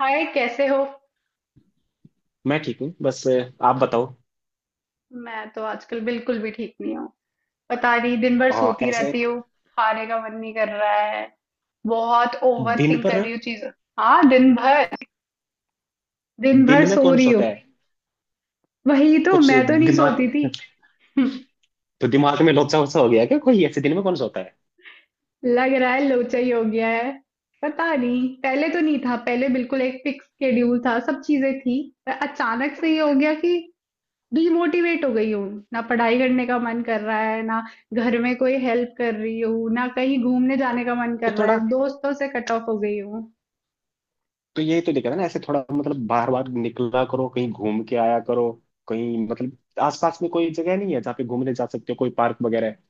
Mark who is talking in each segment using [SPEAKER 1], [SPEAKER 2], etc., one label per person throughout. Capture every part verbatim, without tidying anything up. [SPEAKER 1] हाय, कैसे हो।
[SPEAKER 2] मैं ठीक हूँ बस अ, आप बताओ।
[SPEAKER 1] मैं तो आजकल बिल्कुल भी ठीक नहीं हूँ। पता नहीं, दिन भर
[SPEAKER 2] अ,
[SPEAKER 1] सोती
[SPEAKER 2] ऐसे
[SPEAKER 1] रहती हूँ। खाने का मन नहीं कर रहा है। बहुत ओवर
[SPEAKER 2] दिन
[SPEAKER 1] थिंक कर
[SPEAKER 2] पर
[SPEAKER 1] रही हूँ चीजें। हाँ, दिन भर। दिन भर
[SPEAKER 2] दिन में
[SPEAKER 1] सो
[SPEAKER 2] कौन
[SPEAKER 1] रही हूँ।
[SPEAKER 2] सोता है?
[SPEAKER 1] वही तो,
[SPEAKER 2] कुछ।
[SPEAKER 1] मैं तो नहीं सोती
[SPEAKER 2] दिमाग।
[SPEAKER 1] थी।
[SPEAKER 2] तो दिमाग में लोचा वोचा हो गया क्या? कोई ऐसे दिन में कौन सोता है?
[SPEAKER 1] लग रहा है लोचा ही हो गया है। पता नहीं, पहले तो नहीं था। पहले बिल्कुल एक फिक्स शेड्यूल था, सब चीजें थी। पर अचानक से ये हो गया कि डिमोटिवेट हो गई हूँ। ना पढ़ाई करने का मन कर रहा है, ना घर में कोई हेल्प कर रही हूँ, ना कहीं घूमने जाने का मन कर
[SPEAKER 2] तो
[SPEAKER 1] रहा
[SPEAKER 2] थोड़ा।
[SPEAKER 1] है। दोस्तों से कट ऑफ हो गई हूँ।
[SPEAKER 2] तो ये तो दिखा है ना, ऐसे थोड़ा मतलब बाहर बाहर निकला करो, कहीं घूम के आया करो। कहीं मतलब आसपास में कोई जगह नहीं है जहाँ पे घूमने जा सकते हो? कोई पार्क वगैरह है?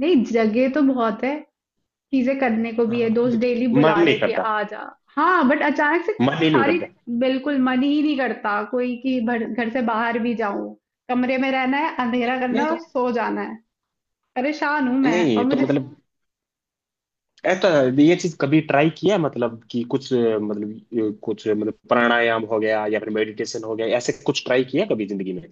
[SPEAKER 1] नहीं, जगह तो बहुत है। चीजें करने को भी है,
[SPEAKER 2] हाँ,
[SPEAKER 1] दोस्त डेली बुला
[SPEAKER 2] मन नहीं
[SPEAKER 1] रहे कि
[SPEAKER 2] करता।
[SPEAKER 1] आ जा। हाँ, बट अचानक से
[SPEAKER 2] मन ही नहीं
[SPEAKER 1] सारी
[SPEAKER 2] करता।
[SPEAKER 1] बिल्कुल मन ही नहीं करता कोई कि भर- घर से बाहर भी जाऊं। कमरे में रहना है, अंधेरा करना
[SPEAKER 2] नहीं
[SPEAKER 1] है
[SPEAKER 2] तो।
[SPEAKER 1] और सो जाना है। परेशान हूं मैं, और
[SPEAKER 2] नहीं तो
[SPEAKER 1] मुझे।
[SPEAKER 2] मतलब ऐसा। ये चीज कभी ट्राई किया है? मतलब कि कुछ अ, मतलब, अ, कुछ अ, मतलब प्राणायाम हो गया या फिर मेडिटेशन हो गया, ऐसे कुछ ट्राई किया कभी जिंदगी में?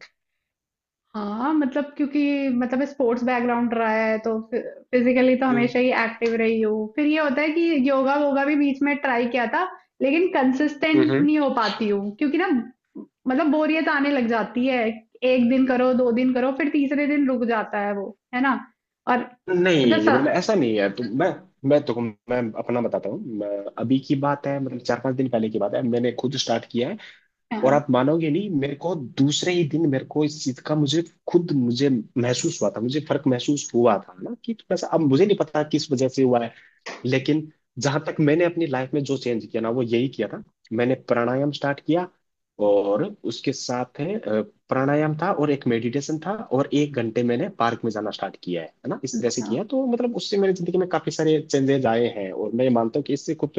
[SPEAKER 1] हाँ मतलब, क्योंकि मतलब स्पोर्ट्स बैकग्राउंड रहा है तो फिजिकली तो
[SPEAKER 2] हम्म।
[SPEAKER 1] हमेशा ही एक्टिव रही हूँ। फिर ये होता है कि योगा वोगा भी बीच में ट्राई किया था, लेकिन कंसिस्टेंट
[SPEAKER 2] हम्म।
[SPEAKER 1] नहीं हो पाती हूँ, क्योंकि ना मतलब बोरियत आने लग जाती है। एक दिन करो, दो दिन करो, फिर तीसरे दिन रुक जाता है, वो है ना। और
[SPEAKER 2] नहीं,
[SPEAKER 1] मतलब
[SPEAKER 2] ये
[SPEAKER 1] सा,
[SPEAKER 2] मतलब ऐसा नहीं है तो मैं, मैं तो मैं अपना बताता हूँ मैं। अभी की बात है, मतलब चार पांच दिन पहले की बात है, मैंने खुद स्टार्ट किया है। और
[SPEAKER 1] हाँ,
[SPEAKER 2] आप मानोगे नहीं मेरे को, दूसरे ही दिन मेरे को इस चीज का, मुझे खुद मुझे महसूस हुआ था, मुझे फर्क महसूस हुआ था ना कि थोड़ा सा। अब मुझे नहीं पता किस वजह से हुआ है, लेकिन जहां तक मैंने अपनी लाइफ में जो चेंज किया ना, वो यही किया था। मैंने प्राणायाम स्टार्ट किया, और उसके साथ है अ, प्राणायाम था और एक मेडिटेशन था, और एक घंटे मैंने पार्क में जाना स्टार्ट किया है है ना। इस तरह से
[SPEAKER 1] अच्छा।
[SPEAKER 2] किया, तो मतलब उससे मेरी जिंदगी में काफी सारे चेंजेस आए हैं और मैं ये मानता हूँ कि इससे कुछ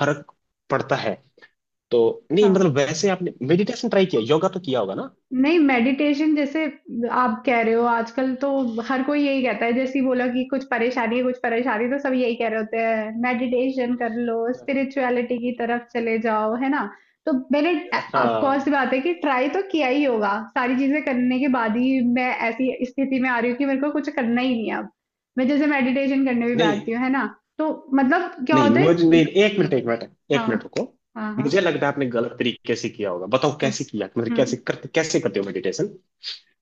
[SPEAKER 2] फर्क पड़ता है। तो नहीं मतलब,
[SPEAKER 1] हाँ,
[SPEAKER 2] वैसे आपने मेडिटेशन ट्राई किया, योगा तो किया होगा ना?
[SPEAKER 1] नहीं मेडिटेशन जैसे आप कह रहे हो, आजकल तो हर कोई यही कहता है। जैसे ही बोला कि कुछ परेशानी है, कुछ परेशानी, तो सब यही कह रहे होते हैं मेडिटेशन कर लो, स्पिरिचुअलिटी की तरफ चले जाओ, है ना। तो मैंने ऑफ कोर्स
[SPEAKER 2] हाँ।
[SPEAKER 1] बात है कि ट्राई तो किया ही होगा। सारी चीजें करने के बाद ही मैं ऐसी स्थिति में आ रही हूँ कि मेरे को कुछ करना ही नहीं है अब। मैं जैसे मेडिटेशन करने भी
[SPEAKER 2] नहीं,
[SPEAKER 1] बैठती हूँ, है ना, तो मतलब क्या
[SPEAKER 2] नहीं,
[SPEAKER 1] होता
[SPEAKER 2] मुझे
[SPEAKER 1] है।
[SPEAKER 2] नहीं। एक मिनट, एक मिनट, एक मिनट,
[SPEAKER 1] हाँ,
[SPEAKER 2] रुको।
[SPEAKER 1] हाँ, हाँ।
[SPEAKER 2] मुझे लगता है आपने गलत तरीके से किया होगा। बताओ कैसे
[SPEAKER 1] अच्छा।
[SPEAKER 2] किया, मतलब
[SPEAKER 1] हम्म।
[SPEAKER 2] कैसे करते कैसे करते हो मेडिटेशन?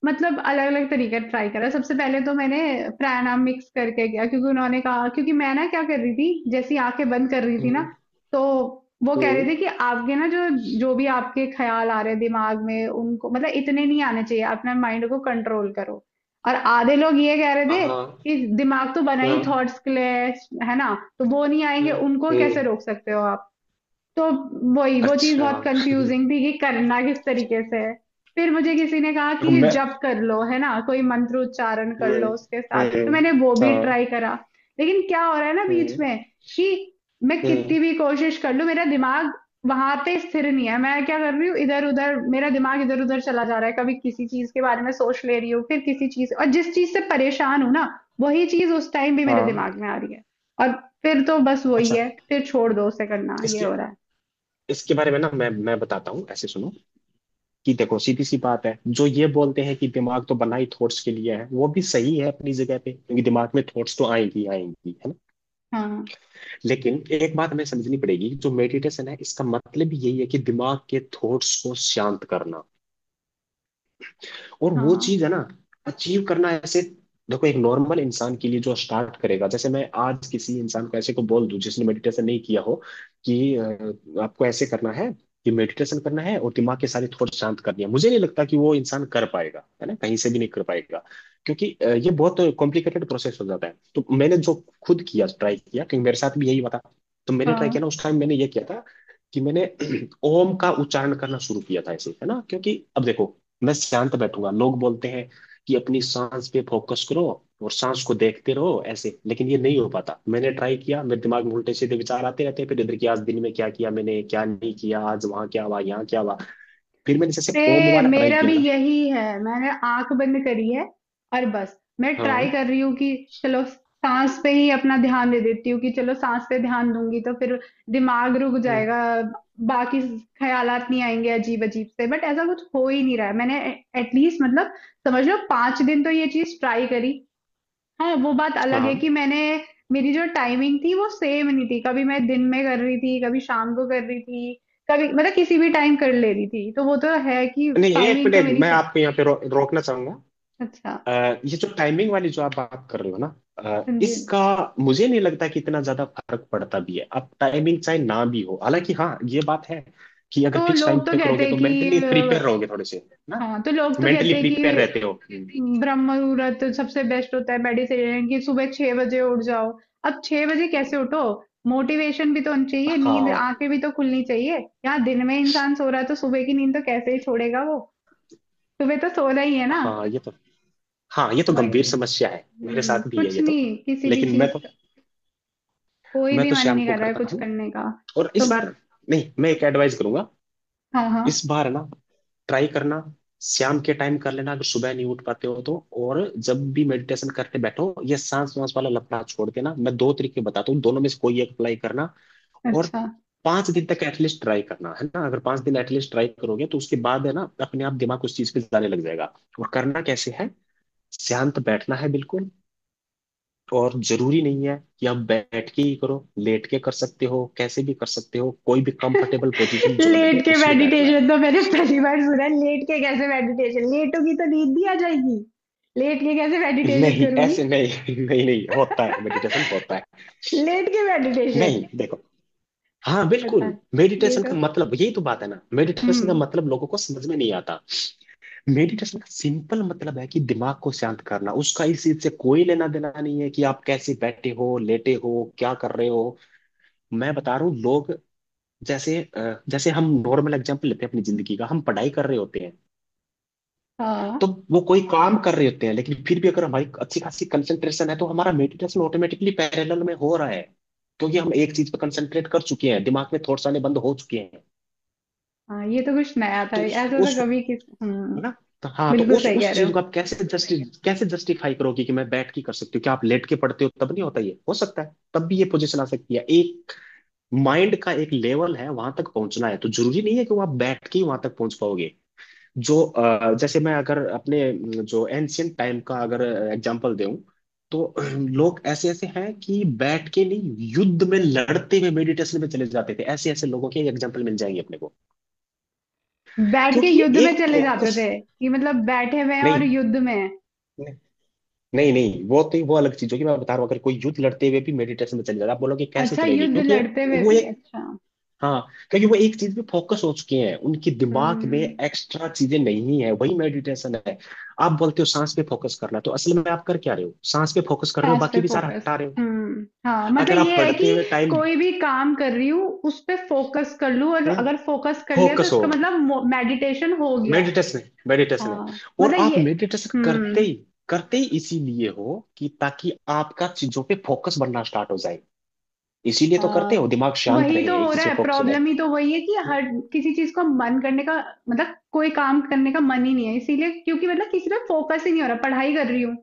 [SPEAKER 1] मतलब अलग-अलग तरीका ट्राई करा। सबसे पहले तो मैंने प्राणायाम मिक्स करके किया, क्योंकि उन्होंने कहा। क्योंकि मैं ना क्या कर रही थी, जैसे ही आँखें बंद कर रही थी ना,
[SPEAKER 2] हम्म।
[SPEAKER 1] तो वो कह रहे
[SPEAKER 2] हम्म,
[SPEAKER 1] थे कि आपके ना जो जो भी आपके ख़्याल आ रहे हैं दिमाग में, उनको मतलब इतने नहीं आने चाहिए, अपना माइंड को कंट्रोल करो। और आधे लोग ये कह रहे
[SPEAKER 2] हाँ,
[SPEAKER 1] थे
[SPEAKER 2] हाँ,
[SPEAKER 1] कि दिमाग तो बना ही
[SPEAKER 2] हाँ,
[SPEAKER 1] थॉट्स के लिए है, है ना? तो वो नहीं आएँगे, उनको कैसे
[SPEAKER 2] हम्म।
[SPEAKER 1] रोक सकते हो आप? तो वही वो चीज़
[SPEAKER 2] अच्छा।
[SPEAKER 1] बहुत
[SPEAKER 2] हम्म।
[SPEAKER 1] कंफ्यूजिंग थी कि करना किस तरीके से है। फिर मुझे किसी ने कहा
[SPEAKER 2] देखो
[SPEAKER 1] कि
[SPEAKER 2] मैं।
[SPEAKER 1] जप कर लो, है ना, कोई मंत्र उच्चारण कर
[SPEAKER 2] हम्म।
[SPEAKER 1] लो उसके साथ, तो
[SPEAKER 2] हम्म।
[SPEAKER 1] मैंने वो भी
[SPEAKER 2] हाँ।
[SPEAKER 1] ट्राई करा। लेकिन क्या हो रहा है ना बीच
[SPEAKER 2] हम्म।
[SPEAKER 1] में कि मैं
[SPEAKER 2] हम्म।
[SPEAKER 1] कितनी भी कोशिश कर लूं, मेरा दिमाग वहां पे स्थिर नहीं है। मैं क्या कर रही हूँ, इधर उधर मेरा दिमाग इधर उधर चला जा रहा है। कभी किसी चीज के बारे में सोच ले रही हूँ, फिर किसी चीज, और जिस चीज से परेशान हूँ ना, वही चीज उस टाइम भी मेरे
[SPEAKER 2] हाँ।
[SPEAKER 1] दिमाग में आ रही है। और फिर तो बस वही
[SPEAKER 2] अच्छा।
[SPEAKER 1] है, फिर छोड़ दो उसे, करना ये
[SPEAKER 2] इसके
[SPEAKER 1] हो रहा है।
[SPEAKER 2] इसके बारे में ना, मैं मैं बताता हूँ ऐसे, सुनो। कि देखो सीधी सी बात है, जो ये बोलते हैं कि दिमाग तो बना ही थॉट्स के लिए है, वो भी सही है अपनी जगह पे, क्योंकि दिमाग में थॉट्स तो आएंगी आएंगी है।
[SPEAKER 1] हाँ,
[SPEAKER 2] लेकिन एक बात हमें समझनी पड़ेगी, जो मेडिटेशन है, इसका मतलब यही है कि दिमाग के थॉट्स को शांत करना। और वो
[SPEAKER 1] हाँ,
[SPEAKER 2] चीज है ना अचीव करना, ऐसे। देखो, एक नॉर्मल इंसान के लिए जो स्टार्ट करेगा, जैसे मैं आज किसी इंसान को ऐसे को बोल दूं जिसने मेडिटेशन नहीं किया हो, कि अ, आपको ऐसे करना है कि मेडिटेशन करना है और दिमाग के सारे थॉट शांत करनी है, मुझे नहीं लगता कि वो इंसान कर पाएगा, है ना, कहीं से भी नहीं कर पाएगा। क्योंकि अ, ये बहुत कॉम्प्लिकेटेड प्रोसेस हो जाता है। तो मैंने जो खुद किया, ट्राई किया, क्योंकि मेरे साथ भी यही हुआ था, तो मैंने ट्राई किया
[SPEAKER 1] हाँ।
[SPEAKER 2] ना, उस टाइम मैंने ये किया था कि मैंने ओम का उच्चारण करना शुरू किया था, ऐसे, है ना। क्योंकि अब देखो, मैं शांत बैठूंगा, लोग बोलते हैं कि अपनी सांस पे फोकस करो और सांस को देखते रहो ऐसे, लेकिन ये नहीं हो पाता। मैंने ट्राई किया, मेरे दिमाग में उल्टे सीधे विचार आते रहते हैं, फिर इधर की आज दिन में क्या किया, मैंने क्या नहीं किया, आज वहां क्या हुआ, यहाँ क्या हुआ। फिर मैंने जैसे ओम
[SPEAKER 1] ए,
[SPEAKER 2] वाला ट्राई
[SPEAKER 1] मेरा
[SPEAKER 2] किया
[SPEAKER 1] भी
[SPEAKER 2] ना।
[SPEAKER 1] यही है। मैंने आंख बंद करी है और बस मैं
[SPEAKER 2] हाँ।
[SPEAKER 1] ट्राई कर रही हूँ कि चलो सांस पे ही अपना ध्यान दे देती हूँ। कि चलो सांस पे ध्यान दूंगी तो फिर दिमाग रुक
[SPEAKER 2] हम्म,
[SPEAKER 1] जाएगा, बाकी ख्यालात नहीं आएंगे अजीब अजीब से। बट ऐसा कुछ हो ही नहीं रहा है। मैंने एटलीस्ट मतलब समझ लो पाँच दिन तो ये चीज ट्राई करी। हाँ, वो बात अलग है
[SPEAKER 2] हाँ।
[SPEAKER 1] कि मैंने, मेरी जो टाइमिंग थी वो सेम नहीं थी। कभी मैं दिन में कर रही थी, कभी शाम को कर रही थी, कभी मतलब किसी भी टाइम कर ले रही थी। तो वो तो है कि
[SPEAKER 2] नहीं, एक
[SPEAKER 1] टाइमिंग तो
[SPEAKER 2] मिनट,
[SPEAKER 1] मेरी
[SPEAKER 2] मैं
[SPEAKER 1] सही।
[SPEAKER 2] आपको यहाँ पे रो, रोकना चाहूंगा।
[SPEAKER 1] अच्छा।
[SPEAKER 2] अ, ये जो टाइमिंग वाली जो आप बात कर रहे हो ना, अ,
[SPEAKER 1] हाँ जी।
[SPEAKER 2] इसका मुझे नहीं लगता कि इतना ज्यादा फर्क पड़ता भी है। अब टाइमिंग चाहे ना भी हो, हालांकि हाँ, ये बात है कि अगर
[SPEAKER 1] तो
[SPEAKER 2] फिक्स टाइम
[SPEAKER 1] लोग तो
[SPEAKER 2] पे
[SPEAKER 1] कहते
[SPEAKER 2] करोगे
[SPEAKER 1] हैं
[SPEAKER 2] तो मेंटली
[SPEAKER 1] कि
[SPEAKER 2] प्रिपेयर
[SPEAKER 1] अ,
[SPEAKER 2] रहोगे थोड़े से ना,
[SPEAKER 1] हाँ, तो लोग तो
[SPEAKER 2] मेंटली
[SPEAKER 1] कहते हैं कि
[SPEAKER 2] प्रिपेयर रहते हो। हम्म।
[SPEAKER 1] ब्रह्म मुहूर्त सबसे बेस्ट होता है मेडिटेशन कि सुबह छह बजे उठ जाओ। अब छह बजे कैसे उठो। मोटिवेशन भी तो होनी चाहिए, नींद,
[SPEAKER 2] हाँ,
[SPEAKER 1] आंखें भी तो खुलनी चाहिए। यहाँ दिन में इंसान सो रहा है, तो सुबह की नींद तो कैसे ही छोड़ेगा वो। सुबह तो सोना ही है ना।
[SPEAKER 2] हाँ ये तो। हाँ ये तो गंभीर
[SPEAKER 1] वही।
[SPEAKER 2] समस्या है, मेरे
[SPEAKER 1] हम्म
[SPEAKER 2] साथ भी है
[SPEAKER 1] कुछ
[SPEAKER 2] ये तो।
[SPEAKER 1] नहीं, किसी भी
[SPEAKER 2] लेकिन मैं
[SPEAKER 1] चीज
[SPEAKER 2] तो,
[SPEAKER 1] का कोई
[SPEAKER 2] मैं
[SPEAKER 1] भी
[SPEAKER 2] तो
[SPEAKER 1] मन
[SPEAKER 2] शाम
[SPEAKER 1] नहीं
[SPEAKER 2] को
[SPEAKER 1] कर रहा है,
[SPEAKER 2] करता
[SPEAKER 1] कुछ
[SPEAKER 2] हूँ।
[SPEAKER 1] करने का।
[SPEAKER 2] और इस
[SPEAKER 1] तो
[SPEAKER 2] बार, नहीं मैं एक एडवाइस करूंगा,
[SPEAKER 1] हाँ, हाँ।
[SPEAKER 2] इस बार ना ट्राई करना, शाम के टाइम कर लेना अगर सुबह नहीं उठ पाते हो तो। और जब भी मेडिटेशन करते बैठो, ये सांस वांस वाला लफड़ा छोड़ देना। मैं दो तरीके बताता हूँ, दोनों में से कोई एक अप्लाई करना। और
[SPEAKER 1] अच्छा।
[SPEAKER 2] पांच दिन तक एटलीस्ट ट्राई करना है ना, अगर पांच दिन एटलीस्ट ट्राई करोगे तो उसके बाद है ना, अपने आप दिमाग उस चीज पे जाने लग जाएगा। और करना कैसे है, शांत बैठना है बिल्कुल। और जरूरी नहीं है कि आप बैठ के ही करो, लेट के कर सकते हो, कैसे भी कर सकते हो, कोई भी कंफर्टेबल पोजीशन जो
[SPEAKER 1] लेट
[SPEAKER 2] लगे
[SPEAKER 1] के
[SPEAKER 2] उसमें बैठना है।
[SPEAKER 1] मेडिटेशन तो मैंने पहली बार सुना है। लेट के कैसे मेडिटेशन, लेटोगी तो नींद भी आ जाएगी। लेट के कैसे मेडिटेशन
[SPEAKER 2] नहीं
[SPEAKER 1] करूंगी।
[SPEAKER 2] ऐसे नहीं, नहीं, नहीं होता है मेडिटेशन, होता है।
[SPEAKER 1] लेट के मेडिटेशन।
[SPEAKER 2] नहीं देखो, हाँ
[SPEAKER 1] पता
[SPEAKER 2] बिल्कुल।
[SPEAKER 1] है, ये
[SPEAKER 2] मेडिटेशन
[SPEAKER 1] तो।
[SPEAKER 2] का मतलब यही तो बात है ना, मेडिटेशन का
[SPEAKER 1] हम्म।
[SPEAKER 2] मतलब लोगों को समझ में नहीं आता। मेडिटेशन का सिंपल मतलब है कि दिमाग को शांत करना, उसका इस चीज से कोई लेना देना नहीं है कि आप कैसे बैठे हो, लेटे हो, क्या कर रहे हो। मैं बता रहा हूँ लोग, जैसे अ, जैसे हम नॉर्मल एग्जाम्पल लेते हैं अपनी जिंदगी का, हम पढ़ाई कर रहे होते हैं
[SPEAKER 1] हाँ,
[SPEAKER 2] तो वो, कोई काम कर रहे होते हैं, लेकिन फिर भी अगर हमारी अच्छी खासी कंसंट्रेशन है तो हमारा मेडिटेशन ऑटोमेटिकली पैरेलल में हो रहा है, क्योंकि हम एक चीज पर कंसंट्रेट कर चुके हैं, दिमाग में थॉट्स आने बंद हो चुके हैं।
[SPEAKER 1] हाँ, ये तो कुछ नया था,
[SPEAKER 2] तो
[SPEAKER 1] ऐसा
[SPEAKER 2] उसको
[SPEAKER 1] तो
[SPEAKER 2] उसको
[SPEAKER 1] कभी किस हम्म।
[SPEAKER 2] है ना, तो हाँ, तो
[SPEAKER 1] बिल्कुल
[SPEAKER 2] उस
[SPEAKER 1] सही कह
[SPEAKER 2] उस
[SPEAKER 1] रहे
[SPEAKER 2] चीज
[SPEAKER 1] हो।
[SPEAKER 2] को आप कैसे जस्टि कैसे जस्टिफाई करोगे कि मैं बैठ के कर सकती हूँ? क्या आप लेट के पढ़ते हो तब नहीं होता? ये हो सकता है तब भी, ये पोजीशन आ सकती है। एक माइंड का एक लेवल है, वहां तक पहुंचना है, तो जरूरी नहीं है कि वो आप बैठ के ही वहां तक पहुंच पाओगे। जो अ, जैसे मैं अगर अपने अम, जो एंशियंट टाइम का अगर एग्जांपल दूं तो अ, लोग ऐसे ऐसे हैं कि बैठ के नहीं, युद्ध में लड़ते हुए मेडिटेशन में चले जाते थे। ऐसे ऐसे लोगों के एग्जांपल मिल जाएंगे अपने को,
[SPEAKER 1] बैठ के
[SPEAKER 2] क्योंकि ये
[SPEAKER 1] युद्ध में
[SPEAKER 2] एक
[SPEAKER 1] चले जाते
[SPEAKER 2] फोकस।
[SPEAKER 1] थे कि मतलब बैठे हुए हैं और
[SPEAKER 2] नहीं,
[SPEAKER 1] युद्ध में हैं।
[SPEAKER 2] नहीं, नहीं, नहीं, वो तो वो अलग चीज होगी। मैं बता रहा हूँ, अगर कोई युद्ध लड़ते हुए भी मेडिटेशन में चले जाता आप बोलोगे कैसे
[SPEAKER 1] अच्छा,
[SPEAKER 2] चलेगी,
[SPEAKER 1] युद्ध
[SPEAKER 2] क्योंकि ये,
[SPEAKER 1] लड़ते हुए
[SPEAKER 2] वो
[SPEAKER 1] भी,
[SPEAKER 2] एक,
[SPEAKER 1] अच्छा।
[SPEAKER 2] हाँ, क्योंकि वो एक चीज पे फोकस हो चुके हैं, उनके दिमाग में
[SPEAKER 1] हम्म।
[SPEAKER 2] एक्स्ट्रा चीजें नहीं है, वही मेडिटेशन है। आप बोलते हो सांस पे फोकस करना, तो असल में आप कर क्या रहे हो? सांस पे फोकस कर रहे हो,
[SPEAKER 1] पास पे
[SPEAKER 2] बाकी विचार
[SPEAKER 1] फोकस।
[SPEAKER 2] हटा रहे हो।
[SPEAKER 1] हम्म हाँ मतलब
[SPEAKER 2] अगर आप
[SPEAKER 1] ये है कि
[SPEAKER 2] पढ़ते हुए टाइम
[SPEAKER 1] कोई भी काम कर रही हूँ उस पे फोकस कर लूँ, और अगर फोकस कर लिया तो
[SPEAKER 2] फोकस
[SPEAKER 1] इसका
[SPEAKER 2] हो,
[SPEAKER 1] मतलब मेडिटेशन हो गया है।
[SPEAKER 2] मेडिटेशन है, मेडिटेशन है।
[SPEAKER 1] हाँ,
[SPEAKER 2] और
[SPEAKER 1] मतलब
[SPEAKER 2] आप
[SPEAKER 1] ये।
[SPEAKER 2] मेडिटेशन करते
[SPEAKER 1] हम्म।
[SPEAKER 2] ही करते ही इसीलिए हो कि ताकि आपका चीजों पे फोकस बनना स्टार्ट हो जाए। इसीलिए तो करते
[SPEAKER 1] हाँ,
[SPEAKER 2] हो, दिमाग
[SPEAKER 1] तो
[SPEAKER 2] शांत
[SPEAKER 1] वही
[SPEAKER 2] रहे,
[SPEAKER 1] तो
[SPEAKER 2] एक
[SPEAKER 1] हो
[SPEAKER 2] चीज
[SPEAKER 1] रहा
[SPEAKER 2] पे
[SPEAKER 1] है।
[SPEAKER 2] फोकस हो जाए।
[SPEAKER 1] प्रॉब्लम ही तो वही है कि हर किसी चीज को मन करने का, मतलब कोई काम करने का मन ही नहीं है, इसीलिए। क्योंकि मतलब किसी पे फोकस ही नहीं हो रहा। पढ़ाई कर रही हूँ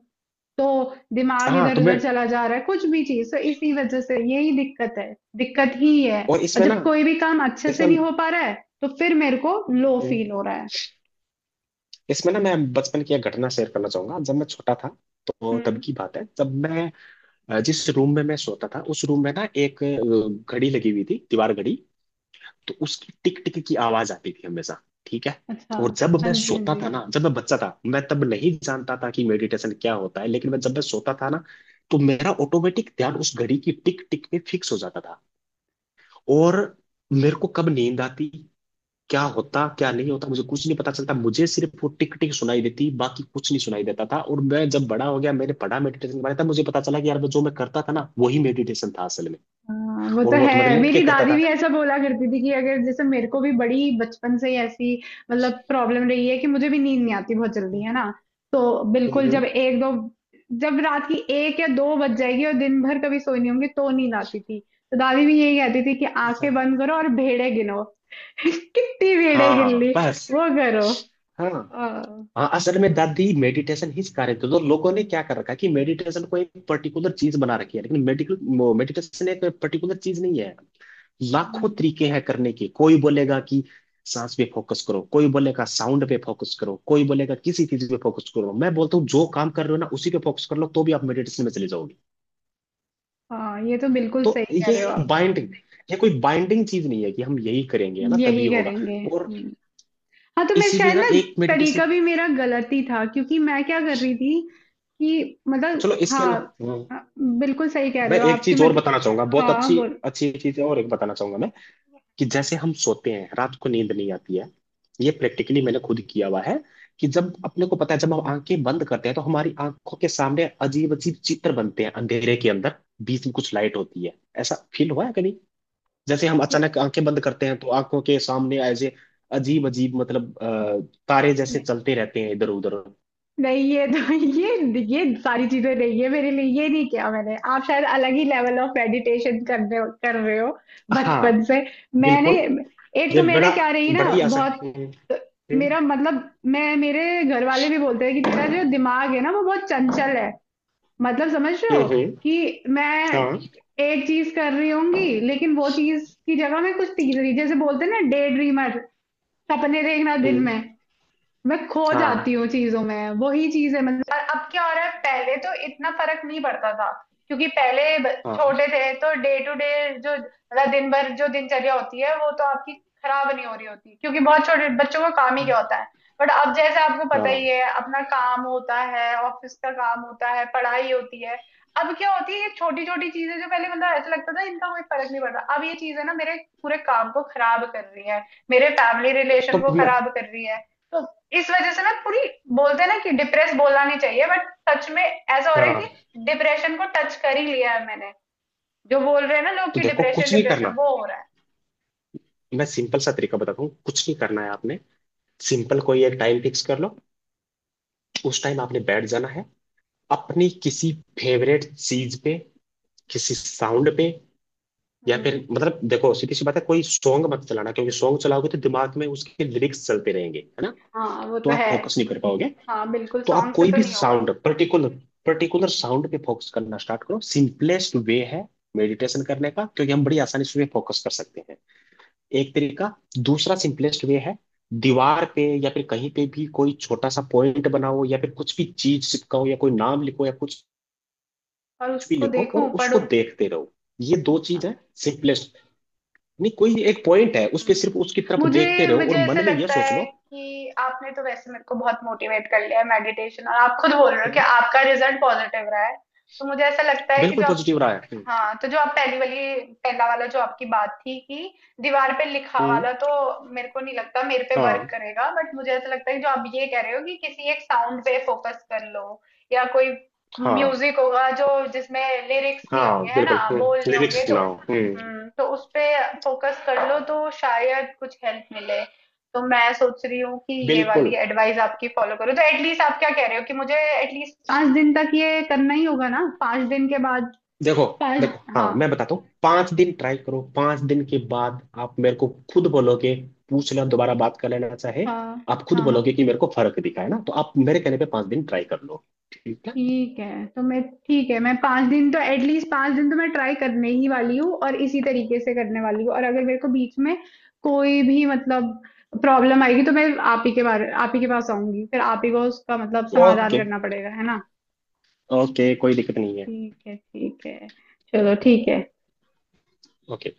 [SPEAKER 1] तो दिमाग
[SPEAKER 2] हाँ
[SPEAKER 1] इधर
[SPEAKER 2] तो मैं,
[SPEAKER 1] उधर चला जा रहा है, कुछ भी चीज। तो इसी वजह से यही दिक्कत है, दिक्कत ही ये है।
[SPEAKER 2] और
[SPEAKER 1] और
[SPEAKER 2] इसमें ना
[SPEAKER 1] जब कोई भी काम अच्छे से
[SPEAKER 2] इसमें
[SPEAKER 1] नहीं हो पा रहा है तो फिर मेरे को लो
[SPEAKER 2] हम्म,
[SPEAKER 1] फील हो रहा है।
[SPEAKER 2] इसमें ना मैं बचपन की एक घटना शेयर करना चाहूंगा। जब मैं छोटा था, तो तब
[SPEAKER 1] हम्म।
[SPEAKER 2] की बात है, जब मैं अ, जिस रूम में मैं सोता था, उस रूम में ना एक अ, घड़ी लगी हुई थी, दीवार घड़ी। तो उसकी टिक टिक की आवाज आती थी हमेशा, ठीक है।
[SPEAKER 1] अच्छा।
[SPEAKER 2] और जब
[SPEAKER 1] हाँ
[SPEAKER 2] मैं
[SPEAKER 1] जी, हाँ
[SPEAKER 2] सोता
[SPEAKER 1] जी।
[SPEAKER 2] था ना, जब मैं बच्चा था, मैं तब नहीं जानता था कि मेडिटेशन क्या होता है, लेकिन मैं, जब मैं सोता था ना, तो मेरा ऑटोमेटिक ध्यान उस घड़ी की टिक टिक पे फिक्स हो जाता था। और मेरे को कब नींद आती, क्या होता, क्या नहीं होता, मुझे कुछ नहीं पता चलता, मुझे सिर्फ वो टिक टिक सुनाई देती, बाकी कुछ नहीं सुनाई देता था। और मैं जब बड़ा हो गया, मैंने पढ़ा मेडिटेशन के बारे में, तब मुझे पता चला कि यार वो जो मैं करता था ना, वही मेडिटेशन था असल में।
[SPEAKER 1] हाँ, वो
[SPEAKER 2] और
[SPEAKER 1] तो
[SPEAKER 2] वो तो मैं
[SPEAKER 1] है।
[SPEAKER 2] लेट
[SPEAKER 1] मेरी
[SPEAKER 2] के करता
[SPEAKER 1] दादी
[SPEAKER 2] था।
[SPEAKER 1] भी ऐसा बोला करती थी कि अगर, जैसे मेरे को भी बड़ी बचपन से ही ऐसी मतलब प्रॉब्लम रही है कि मुझे भी नींद नहीं आती बहुत जल्दी, है ना। तो
[SPEAKER 2] हम्म।
[SPEAKER 1] बिल्कुल, जब
[SPEAKER 2] हम्म।
[SPEAKER 1] एक दो जब रात की एक या दो बज जाएगी और दिन भर कभी सोई नहीं होंगी तो नींद आती थी। तो दादी भी यही कहती थी कि
[SPEAKER 2] अच्छा।
[SPEAKER 1] आंखें बंद करो और भेड़े गिनो। कितनी भेड़े गिन
[SPEAKER 2] हाँ
[SPEAKER 1] ली,
[SPEAKER 2] बस।
[SPEAKER 1] वो करो।
[SPEAKER 2] हाँ। हाँ,
[SPEAKER 1] हाँ।
[SPEAKER 2] असल में दादी मेडिटेशन ही सिखा रहे थे। तो लोगों ने क्या कर रखा है कि मेडिटेशन को एक पर्टिकुलर चीज बना रखी है, लेकिन मेडिकल, मेडिटेशन एक पर्टिकुलर चीज नहीं है, लाखों
[SPEAKER 1] हम्म,
[SPEAKER 2] तरीके हैं करने के। कोई बोलेगा कि सांस पे फोकस करो, कोई बोलेगा साउंड पे फोकस करो, कोई बोलेगा किसी चीज पे फोकस करो, मैं बोलता हूँ जो काम कर रहे हो ना उसी पे फोकस कर लो तो भी आप मेडिटेशन में चले जाओगे।
[SPEAKER 1] हाँ, ये तो बिल्कुल
[SPEAKER 2] तो
[SPEAKER 1] सही कह
[SPEAKER 2] ये
[SPEAKER 1] रहे हो
[SPEAKER 2] एक
[SPEAKER 1] आप।
[SPEAKER 2] बाइंडिंग, ये कोई बाइंडिंग चीज नहीं है कि हम यही करेंगे है ना तभी
[SPEAKER 1] यही
[SPEAKER 2] होगा।
[SPEAKER 1] करेंगे।
[SPEAKER 2] और
[SPEAKER 1] हम्म। हाँ, तो मैं
[SPEAKER 2] इसीलिए
[SPEAKER 1] शायद
[SPEAKER 2] ना
[SPEAKER 1] ना,
[SPEAKER 2] एक मेडिटेशन,
[SPEAKER 1] तरीका भी मेरा गलत ही था, क्योंकि मैं क्या कर रही थी कि मतलब
[SPEAKER 2] चलो इसके ना,
[SPEAKER 1] हाँ, अ, बिल्कुल सही कह रहे
[SPEAKER 2] मैं
[SPEAKER 1] हो
[SPEAKER 2] एक
[SPEAKER 1] आपकी
[SPEAKER 2] चीज और
[SPEAKER 1] मतलब।
[SPEAKER 2] बताना चाहूंगा, बहुत
[SPEAKER 1] हाँ,
[SPEAKER 2] अच्छी।
[SPEAKER 1] बोल।
[SPEAKER 2] अच्छी चीज और एक बताना चाहूंगा मैं, कि जैसे हम सोते हैं रात को नींद नहीं आती है, ये प्रैक्टिकली मैंने खुद किया हुआ है, कि जब अपने को पता है, जब हम आंखें बंद करते हैं तो हमारी आंखों के सामने अजीब अजीब चित्र बनते हैं अंधेरे के अंदर, बीच में कुछ लाइट होती है। ऐसा फील हुआ है कभी? जैसे हम
[SPEAKER 1] कि-
[SPEAKER 2] अचानक आंखें बंद करते हैं तो आंखों के सामने ऐसे अजीब अजीब मतलब अ, तारे जैसे
[SPEAKER 1] नहीं,
[SPEAKER 2] चलते रहते हैं इधर उधर।
[SPEAKER 1] नहीं, ये तो ये ये सारी चीजें नहीं है मेरे लिए, ये नहीं किया मैंने। आप शायद अलग ही लेवल ऑफ मेडिटेशन करने कर रहे हो बचपन
[SPEAKER 2] हाँ
[SPEAKER 1] से। मैंने,
[SPEAKER 2] बिल्कुल,
[SPEAKER 1] एक
[SPEAKER 2] ये
[SPEAKER 1] तो मैं ना
[SPEAKER 2] बड़ा,
[SPEAKER 1] क्या रही ना
[SPEAKER 2] बड़ा ही आसान।
[SPEAKER 1] बहुत,
[SPEAKER 2] हम्म। हम्म।
[SPEAKER 1] मेरा मतलब, मैं, मेरे घर वाले भी बोलते हैं कि तेरा जो दिमाग है ना वो बहुत चंचल है। मतलब समझ रहे
[SPEAKER 2] हम्म।
[SPEAKER 1] हो
[SPEAKER 2] हम्म,
[SPEAKER 1] कि मैं
[SPEAKER 2] हाँ।
[SPEAKER 1] एक चीज कर रही होंगी लेकिन वो चीज की जगह मैं कुछ तीसरी, जैसे बोलते हैं ना, डे ड्रीमर, सपने देखना दिन
[SPEAKER 2] हम्म।
[SPEAKER 1] में। मैं खो
[SPEAKER 2] हाँ।
[SPEAKER 1] जाती हूँ चीजों में, वही चीज है मतलब। और अब क्या हो रहा है, पहले तो इतना फर्क नहीं पड़ता था, क्योंकि पहले ब-
[SPEAKER 2] हाँ।
[SPEAKER 1] छोटे थे, तो डे टू डे जो मतलब दिन भर जो दिनचर्या होती है वो तो आपकी खराब नहीं हो रही होती, क्योंकि बहुत छोटे बच्चों का काम ही क्या होता है। बट अब जैसे आपको पता
[SPEAKER 2] हाँ
[SPEAKER 1] ही है, अपना काम होता है, ऑफिस का काम होता है, पढ़ाई होती है। अब क्या होती है ये छोटी छोटी चीजें जो पहले मतलब ऐसा लगता था इनका कोई फर्क नहीं पड़ता, अब ये चीजें ना मेरे पूरे काम को खराब कर रही है, मेरे फैमिली रिलेशन
[SPEAKER 2] तो
[SPEAKER 1] को
[SPEAKER 2] मैं,
[SPEAKER 1] खराब कर रही है। तो इस वजह से ना पूरी, बोलते हैं ना कि डिप्रेस बोलना नहीं चाहिए, बट सच में ऐसा हो रहा है कि
[SPEAKER 2] हाँ
[SPEAKER 1] डिप्रेशन को टच कर ही लिया है मैंने। जो बोल रहे हैं ना लोग
[SPEAKER 2] तो
[SPEAKER 1] कि
[SPEAKER 2] देखो
[SPEAKER 1] डिप्रेशन,
[SPEAKER 2] कुछ नहीं
[SPEAKER 1] डिप्रेशन
[SPEAKER 2] करना।
[SPEAKER 1] वो हो रहा है।
[SPEAKER 2] मैं सिंपल सा तरीका बताता हूँ, कुछ नहीं करना है आपने, सिंपल। कोई एक टाइम फिक्स कर लो, उस टाइम आपने बैठ जाना है, अपनी किसी फेवरेट चीज पे, किसी साउंड पे, या फिर
[SPEAKER 1] हम्म।
[SPEAKER 2] मतलब देखो सीधी सी बात है, कोई सॉन्ग मत चलाना क्योंकि सॉन्ग चलाओगे तो दिमाग में उसके लिरिक्स चलते रहेंगे है ना,
[SPEAKER 1] हाँ, वो
[SPEAKER 2] तो
[SPEAKER 1] तो
[SPEAKER 2] आप
[SPEAKER 1] है।
[SPEAKER 2] फोकस नहीं कर पाओगे।
[SPEAKER 1] हाँ, बिल्कुल,
[SPEAKER 2] तो आप
[SPEAKER 1] सॉन्ग से
[SPEAKER 2] कोई
[SPEAKER 1] तो
[SPEAKER 2] भी
[SPEAKER 1] नहीं होगा।
[SPEAKER 2] साउंड, पर्टिकुलर पर्टिकुलर साउंड पे फोकस करना स्टार्ट करो, सिंपलेस्ट वे है मेडिटेशन करने का, क्योंकि हम बड़ी आसानी से फोकस कर सकते हैं, एक तरीका। दूसरा सिंपलेस्ट वे है, दीवार पे या फिर कहीं पे भी कोई छोटा सा पॉइंट बनाओ, या फिर कुछ भी चीज चिपकाओ, या कोई नाम लिखो, या कुछ
[SPEAKER 1] और
[SPEAKER 2] भी
[SPEAKER 1] उसको
[SPEAKER 2] लिखो, और
[SPEAKER 1] देखूं,
[SPEAKER 2] उसको
[SPEAKER 1] पढूं।
[SPEAKER 2] देखते रहो। ये दो
[SPEAKER 1] अच्छा।
[SPEAKER 2] चीज है, सिंपलेस्ट। नहीं, कोई एक पॉइंट है उस पे सिर्फ
[SPEAKER 1] हम्म।
[SPEAKER 2] उसकी तरफ देखते
[SPEAKER 1] मुझे
[SPEAKER 2] रहो और
[SPEAKER 1] मुझे ऐसा
[SPEAKER 2] मन में ये
[SPEAKER 1] लगता
[SPEAKER 2] सोच
[SPEAKER 1] है
[SPEAKER 2] लो।
[SPEAKER 1] कि आपने तो वैसे मेरे को बहुत मोटिवेट कर लिया है मेडिटेशन, और आप खुद बोल रहे हो कि
[SPEAKER 2] हम्म,
[SPEAKER 1] आपका रिजल्ट पॉजिटिव रहा है, तो मुझे ऐसा लगता है कि
[SPEAKER 2] बिल्कुल
[SPEAKER 1] जो,
[SPEAKER 2] पॉजिटिव रहा है, हम्म।
[SPEAKER 1] हाँ, तो जो आप पहली वाली पहला वाला जो आपकी बात थी कि दीवार पे लिखा
[SPEAKER 2] हम्म,
[SPEAKER 1] वाला, तो मेरे को नहीं लगता मेरे पे वर्क
[SPEAKER 2] हाँ,
[SPEAKER 1] करेगा। बट मुझे ऐसा लगता है जो आप ये कह रहे हो कि किसी एक साउंड पे फोकस कर लो, या कोई
[SPEAKER 2] हाँ,
[SPEAKER 1] म्यूजिक होगा जो जिसमें लिरिक्स नहीं
[SPEAKER 2] हाँ
[SPEAKER 1] होंगे, है ना,
[SPEAKER 2] बिल्कुल,
[SPEAKER 1] बोल नहीं होंगे,
[SPEAKER 2] लिरिक्स
[SPEAKER 1] तो
[SPEAKER 2] सुनाओ, हम्म
[SPEAKER 1] हम्म, तो उस पे फोकस कर लो, तो शायद कुछ हेल्प मिले। तो मैं सोच रही हूँ कि ये
[SPEAKER 2] बिल्कुल।
[SPEAKER 1] वाली एडवाइस आपकी फॉलो करो, तो एटलीस्ट, आप क्या कह रहे हो कि मुझे एटलीस्ट पाँच दिन तक ये करना ही होगा ना, पाँच दिन के बाद।
[SPEAKER 2] देखो,
[SPEAKER 1] पाँच
[SPEAKER 2] देखो,
[SPEAKER 1] हाँ,
[SPEAKER 2] हाँ मैं बताता हूँ, पांच दिन ट्राई करो, पांच दिन के बाद आप मेरे को खुद बोलोगे, पूछ लेना दोबारा बात कर लेना चाहे।
[SPEAKER 1] हाँ,
[SPEAKER 2] आप खुद
[SPEAKER 1] हाँ, हाँ,
[SPEAKER 2] बोलोगे कि मेरे को फर्क दिखा, है ना, तो आप मेरे कहने पे पांच दिन ट्राई कर लो। ठीक है?
[SPEAKER 1] ठीक है। तो मैं, ठीक है मैं पाँच दिन तो, एटलीस्ट पाँच दिन तो मैं ट्राई करने ही वाली हूँ, और इसी तरीके से करने वाली हूँ। और अगर मेरे को बीच में कोई भी मतलब प्रॉब्लम आएगी तो मैं, आप ही के बारे आप ही के पास आऊंगी, फिर आप ही को उसका मतलब समाधान
[SPEAKER 2] ओके,
[SPEAKER 1] करना पड़ेगा, है ना।
[SPEAKER 2] ओके, कोई दिक्कत नहीं है।
[SPEAKER 1] ठीक है, ठीक है,
[SPEAKER 2] तो
[SPEAKER 1] चलो
[SPEAKER 2] ओके,
[SPEAKER 1] ठीक है।
[SPEAKER 2] ओके।